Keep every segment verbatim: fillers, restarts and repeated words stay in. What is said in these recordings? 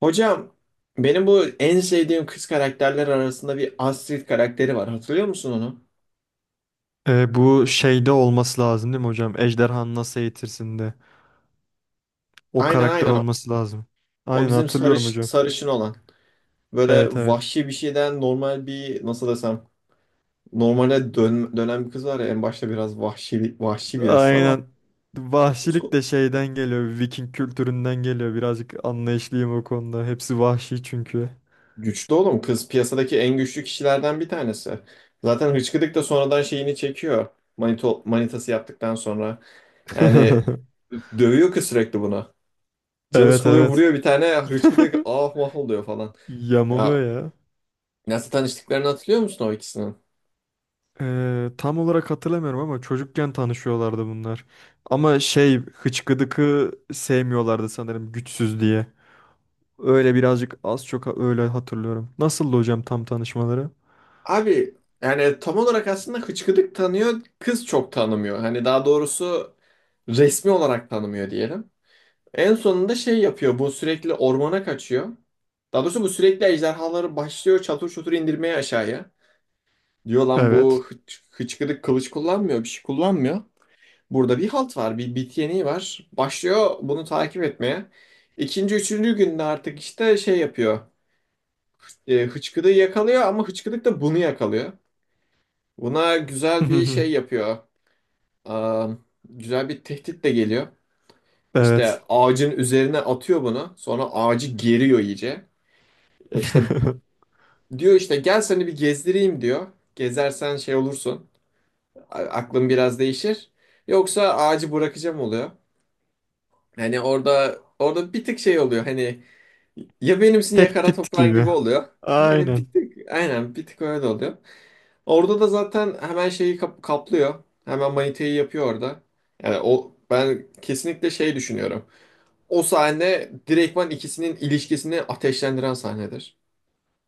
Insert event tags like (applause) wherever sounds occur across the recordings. Hocam, benim bu en sevdiğim kız karakterler arasında bir Astrid karakteri var. Hatırlıyor musun onu? E, bu şeyde olması lazım değil mi hocam? Ejderhanı nasıl eğitirsin'de. O Aynen, karakter aynen. olması lazım. O Aynen bizim hatırlıyorum sarış hocam. sarışın olan. Böyle Evet, evet. vahşi bir şeyden normal bir, nasıl desem, normale dön, dönen bir kız var ya, en başta biraz vahşi vahşi birisi ama Aynen. Vahşilik so- de şeyden geliyor. Viking kültüründen geliyor. Birazcık anlayışlıyım o konuda. Hepsi vahşi çünkü. güçlü oğlum, kız piyasadaki en güçlü kişilerden bir tanesi. Zaten hıçkıdık da sonradan şeyini çekiyor. Manito, manitası yaptıktan sonra. Yani (laughs) dövüyor kız sürekli buna. Canı Evet, sıkılıyor, evet. vuruyor bir tane, hıçkıdık (laughs) ah mah oluyor falan. Ya, Yamuluyor ya. nasıl tanıştıklarını hatırlıyor musun o ikisinin? Ee, tam olarak hatırlamıyorum ama çocukken tanışıyorlardı bunlar. Ama şey hıçkıdıkı sevmiyorlardı sanırım güçsüz diye. Öyle birazcık az çok öyle hatırlıyorum. Nasıldı hocam tam tanışmaları? Abi yani tam olarak aslında hıçkıdık tanıyor, kız çok tanımıyor. Hani daha doğrusu resmi olarak tanımıyor diyelim. En sonunda şey yapıyor, bu sürekli ormana kaçıyor. Daha doğrusu bu sürekli ejderhaları başlıyor çatır çutur indirmeye aşağıya. Diyor lan Evet. bu hıç, hıçkıdık kılıç kullanmıyor, bir şey kullanmıyor. Burada bir halt var, bir bit yeniği var. Başlıyor bunu takip etmeye. İkinci, üçüncü günde artık işte şey yapıyor. E, hıçkırığı yakalıyor ama hıçkırık da bunu yakalıyor. Buna güzel bir şey (laughs) yapıyor. Aa, Güzel bir tehdit de geliyor. İşte Evet. ağacın üzerine atıyor bunu. Sonra ağacı geriyor iyice. E İşte (laughs) diyor, işte gel seni bir gezdireyim diyor. Gezersen şey olursun. a- Aklın biraz değişir. Yoksa ağacı bırakacağım oluyor. Hani orada orada bir tık şey oluyor, hani ya benimsin ya kara Tehdit toprağın gibi. gibi oluyor. Yani bir Aynen. tık aynen, bir tık öyle oluyor. Orada da zaten hemen şeyi kap- kaplıyor. Hemen maniteyi yapıyor orada. Yani o, ben kesinlikle şey düşünüyorum. O sahne direktman ikisinin ilişkisini ateşlendiren sahnedir.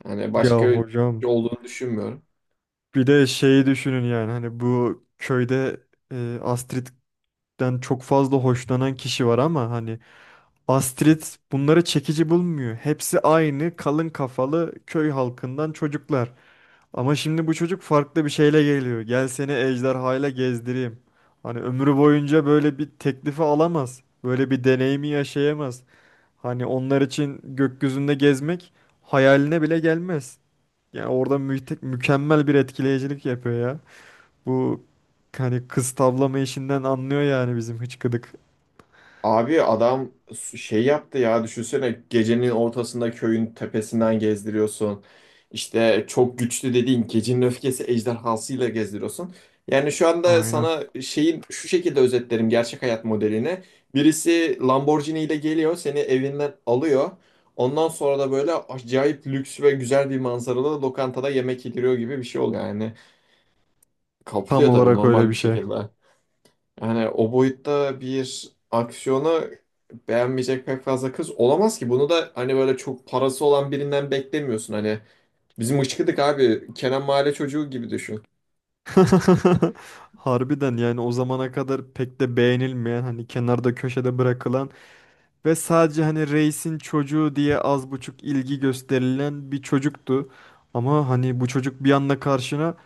Yani Ya başka bir hocam, şey olduğunu düşünmüyorum. bir de şeyi düşünün, yani hani bu köyde e, Astrid'den çok fazla hoşlanan kişi var ama hani Astrid bunları çekici bulmuyor. Hepsi aynı kalın kafalı köy halkından çocuklar. Ama şimdi bu çocuk farklı bir şeyle geliyor. Gel seni ejderhayla gezdireyim. Hani ömrü boyunca böyle bir teklifi alamaz. Böyle bir deneyimi yaşayamaz. Hani onlar için gökyüzünde gezmek hayaline bile gelmez. Yani orada müte- mükemmel bir etkileyicilik yapıyor ya. Bu hani kız tavlama işinden anlıyor yani bizim hıçkıdık. Abi adam şey yaptı ya, düşünsene, gecenin ortasında köyün tepesinden gezdiriyorsun. İşte çok güçlü dediğin gecenin öfkesi ejderhasıyla gezdiriyorsun. Yani şu anda Aynen. sana şeyin şu şekilde özetlerim gerçek hayat modelini. Birisi Lamborghini ile geliyor, seni evinden alıyor. Ondan sonra da böyle acayip lüks ve güzel bir manzaralı lokantada yemek yediriyor gibi bir şey oluyor yani. Tam Kapılıyor tabii, olarak öyle normal bir bir şey. şekilde. Yani o boyutta bir aksiyona beğenmeyecek pek fazla kız olamaz ki. Bunu da hani böyle çok parası olan birinden beklemiyorsun. Hani bizim ışkıdık abi Kenan Mahalle çocuğu gibi düşün. (laughs) Harbiden, yani o zamana kadar pek de beğenilmeyen, hani kenarda köşede bırakılan ve sadece hani reisin çocuğu diye az buçuk ilgi gösterilen bir çocuktu. Ama hani bu çocuk bir anda karşına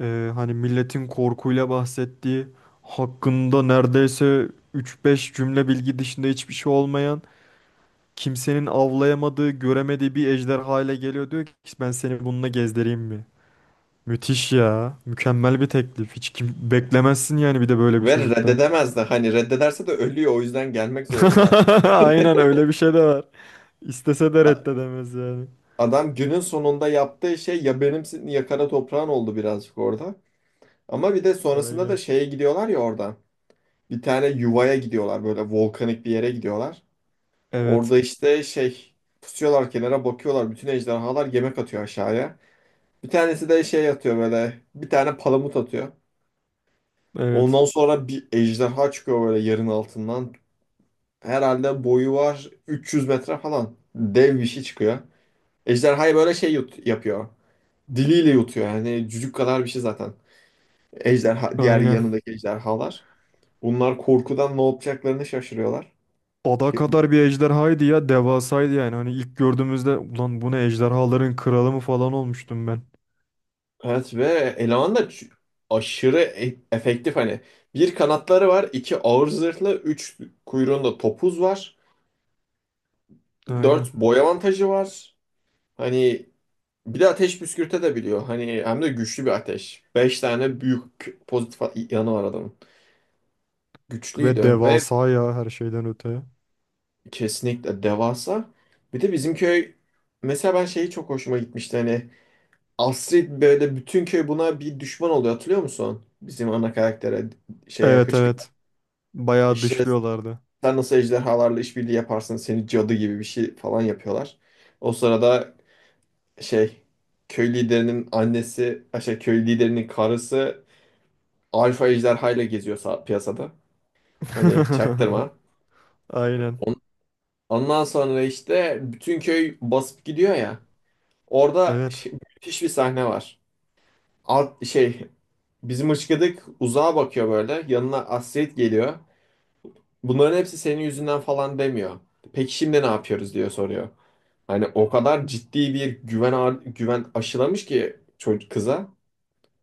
e, hani milletin korkuyla bahsettiği, hakkında neredeyse üç beş cümle bilgi dışında hiçbir şey olmayan, kimsenin avlayamadığı, göremediği bir ejderha ile geliyor, diyor ki ben seni bununla gezdireyim mi? Müthiş ya. Mükemmel bir teklif. Hiç kim beklemezsin yani, bir de böyle bir Ve çocuktan. reddedemez de, hani reddederse de ölüyor, o yüzden gelmek zorunda. (laughs) Aynen, öyle bir şey de var. İstese de A- reddedemez yani. Adam günün sonunda yaptığı şey ya benimsin ya kara toprağın oldu birazcık orada. Ama bir de sonrasında da Aynen. şeye gidiyorlar ya oradan. Bir tane yuvaya gidiyorlar, böyle volkanik bir yere gidiyorlar. Evet. Orada işte şey, pusuyorlar, kenara bakıyorlar. Bütün ejderhalar yemek atıyor aşağıya. Bir tanesi de şey atıyor, böyle bir tane palamut atıyor. Evet. Ondan sonra bir ejderha çıkıyor böyle yerin altından. Herhalde boyu var üç yüz metre falan. Dev bir şey çıkıyor. Ejderhayı böyle şey yut yapıyor. Diliyle yutuyor, yani cücük kadar bir şey zaten. Ejderha, diğer Aynen. yanındaki ejderhalar. Bunlar korkudan ne yapacaklarını şaşırıyorlar. Ada kadar bir ejderhaydı ya. Devasaydı yani. Hani ilk gördüğümüzde ulan bu ne, ejderhaların kralı mı falan olmuştum ben. Evet ve eleman da ç- aşırı e- efektif hani. Bir, kanatları var; iki, ağır zırhlı; üç, kuyruğunda topuz var. Dört, Aynen. boy avantajı var. Hani bir de ateş püskürte de biliyor. Hani hem de güçlü bir ateş. Beş tane büyük pozitif a- yanı var adamın. Ve Güçlüydü ve devasa ya, her şeyden öte. kesinlikle devasa. Bir de bizim köy, mesela ben şeyi çok hoşuma gitmişti, hani Astrid böyle, bütün köy buna bir düşman oluyor, hatırlıyor musun? Bizim ana karaktere, şeye, Evet, hıçkıra. evet. Bayağı İşte dışlıyorlardı. sen nasıl ejderhalarla işbirliği yaparsın? Seni cadı gibi bir şey falan yapıyorlar. O sırada şey köy liderinin annesi, şey köy liderinin karısı alfa ejderhayla geziyor sa- piyasada. Hani çaktırma. (laughs) Aynen. On- Ondan sonra işte bütün köy basıp gidiyor ya. Orada Evet. şey- müthiş bir sahne var. Alt şey, bizim ışkıdık uzağa bakıyor böyle. Yanına Astrid geliyor. Bunların hepsi senin yüzünden falan demiyor. Peki şimdi ne yapıyoruz diyor, soruyor. Hani o kadar ciddi bir güven ağır- güven aşılamış ki çocuk kıza.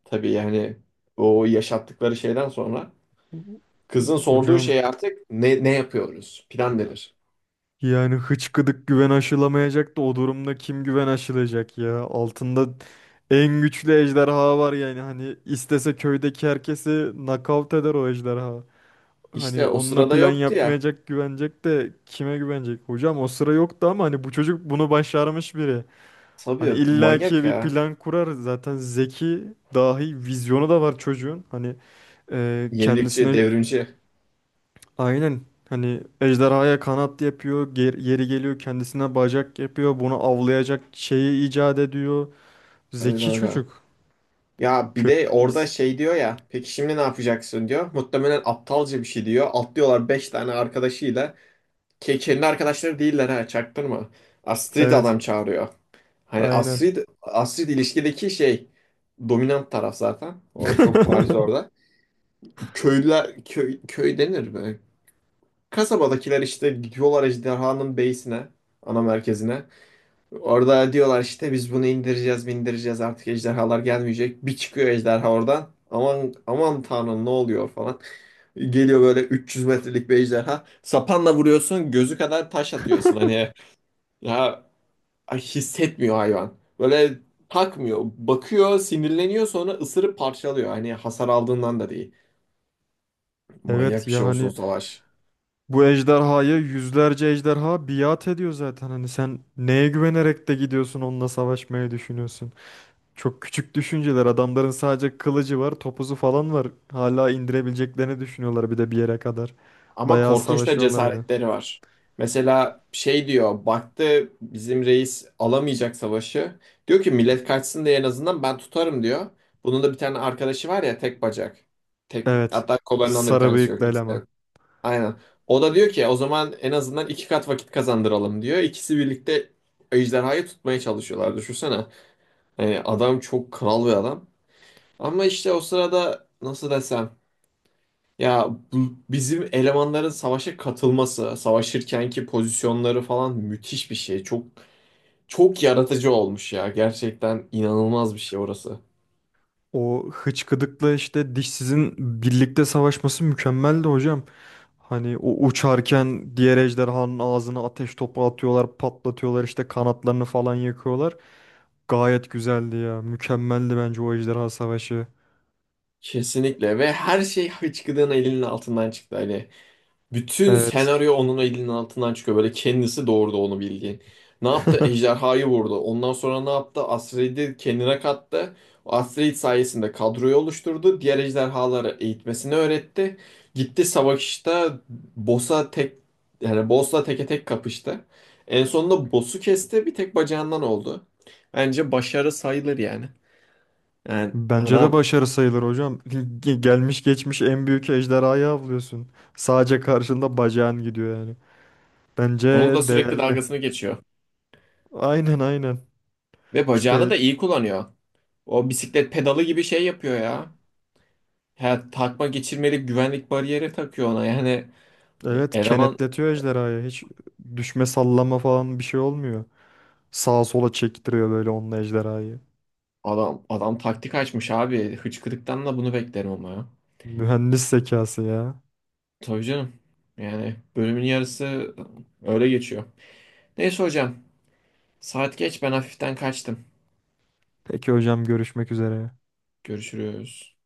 Tabii yani o yaşattıkları şeyden sonra kızın sorduğu Hocam, şey artık ne ne yapıyoruz? Plan denir. yani hıçkıdık güven aşılamayacak da o durumda kim güven aşılayacak ya? Altında en güçlü ejderha var yani, hani istese köydeki herkesi nakavt eder o ejderha. İşte Hani o onunla sırada plan yoktu ya. yapmayacak, güvenecek de kime güvenecek? Hocam o sıra yoktu ama hani bu çocuk bunu başarmış biri. Hani Tabii manyak illaki bir ya. plan kurar, zaten zeki, dahi vizyonu da var çocuğun. Hani e, Yenilikçi, kendisine. devrimci. Aynen. Hani ejderhaya kanat yapıyor, ger- yeri geliyor kendisine bacak yapıyor, bunu avlayacak şeyi icat ediyor. Öyle Zeki öyle. çocuk. Ya bir de Köyden orada iyiyiz. şey diyor ya. Peki şimdi ne yapacaksın diyor. Muhtemelen aptalca bir şey diyor. Atlıyorlar beş tane arkadaşıyla. Ke kendi arkadaşları değiller ha, çaktırma. Astrid Evet, adam çağırıyor. Hani aynen. Astrid, Astrid ilişkideki şey, dominant taraf zaten. O çok bariz (laughs) orada. Köylüler, köy, köy denir böyle. Kasabadakiler işte gidiyorlar ejderhanın beysine, ana merkezine. Orada diyorlar işte biz bunu indireceğiz, indireceğiz, artık ejderhalar gelmeyecek. Bir çıkıyor ejderha oradan. Aman, aman tanrım, ne oluyor falan. Geliyor böyle üç yüz metrelik bir ejderha. Sapanla vuruyorsun, gözü kadar taş atıyorsun. Hani ya, ay, hissetmiyor hayvan. Böyle takmıyor. Bakıyor, sinirleniyor, sonra ısırıp parçalıyor. Hani hasar aldığından da değil. Manyak Evet bir ya, şey olsun hani savaş. bu ejderhaya yüzlerce ejderha biat ediyor zaten. Hani sen neye güvenerek de gidiyorsun onunla savaşmaya, düşünüyorsun. Çok küçük düşünceler. Adamların sadece kılıcı var, topuzu falan var. Hala indirebileceklerini düşünüyorlar bir de, bir yere kadar. Ama Bayağı korkunç da savaşıyorlardı. cesaretleri var. Mesela şey diyor, baktı bizim reis alamayacak savaşı. Diyor ki millet kaçsın diye en azından ben tutarım diyor. Bunun da bir tane arkadaşı var ya, tek bacak. Tek, Evet. hatta kollarından da bir Sarı tanesi yok. bıyıklı eleman. Aynen. O da diyor ki o zaman en azından iki kat vakit kazandıralım diyor. İkisi birlikte ejderhayı tutmaya çalışıyorlar. Düşünsene. Yani adam çok kral bir adam. Ama işte o sırada, nasıl desem, ya bu- bizim elemanların savaşa katılması, savaşırkenki pozisyonları falan müthiş bir şey. Çok çok yaratıcı olmuş ya. Gerçekten inanılmaz bir şey orası. O hıçkıdıkla işte dişsizin birlikte savaşması mükemmeldi hocam. Hani o uçarken diğer ejderhanın ağzına ateş topu atıyorlar, patlatıyorlar, işte kanatlarını falan yakıyorlar. Gayet güzeldi ya. Mükemmeldi bence o ejderha savaşı. Kesinlikle, ve her şey hıçkırığın elinin altından çıktı Ali. Bütün Evet. senaryo onun elinin altından çıkıyor. Böyle kendisi doğurdu onu bildiğin. Ne yaptı? (laughs) Ejderhayı vurdu. Ondan sonra ne yaptı? Astrid'i kendine kattı. O Astrid sayesinde kadroyu oluşturdu. Diğer ejderhaları eğitmesini öğretti. Gitti savaşta boss'a tek, yani boss'la teke tek kapıştı. En sonunda boss'u kesti. Bir tek bacağından oldu. Bence başarı sayılır yani. Yani Bence de adam başarı sayılır hocam. Ge- Gelmiş geçmiş en büyük ejderhayı avlıyorsun. Sadece karşında bacağın gidiyor yani. Bence onun da sürekli değerli. dalgasını geçiyor. Aynen, aynen. Ve bacağını İşte. da iyi kullanıyor. O bisiklet pedalı gibi şey yapıyor ya. Ha, takma geçirmelik güvenlik bariyeri takıyor ona. Yani e, Evet, eleman, kenetletiyor ejderhayı. Hiç düşme, sallama falan bir şey olmuyor. Sağa sola çektiriyor böyle onunla ejderhayı. adam adam taktik açmış abi. Hıçkırıktan da bunu beklerim ama ya. Mühendis zekası ya. Tabii canım. Yani bölümün yarısı öyle geçiyor. Neyse hocam. Saat geç, ben hafiften kaçtım. Peki hocam, görüşmek üzere. Görüşürüz.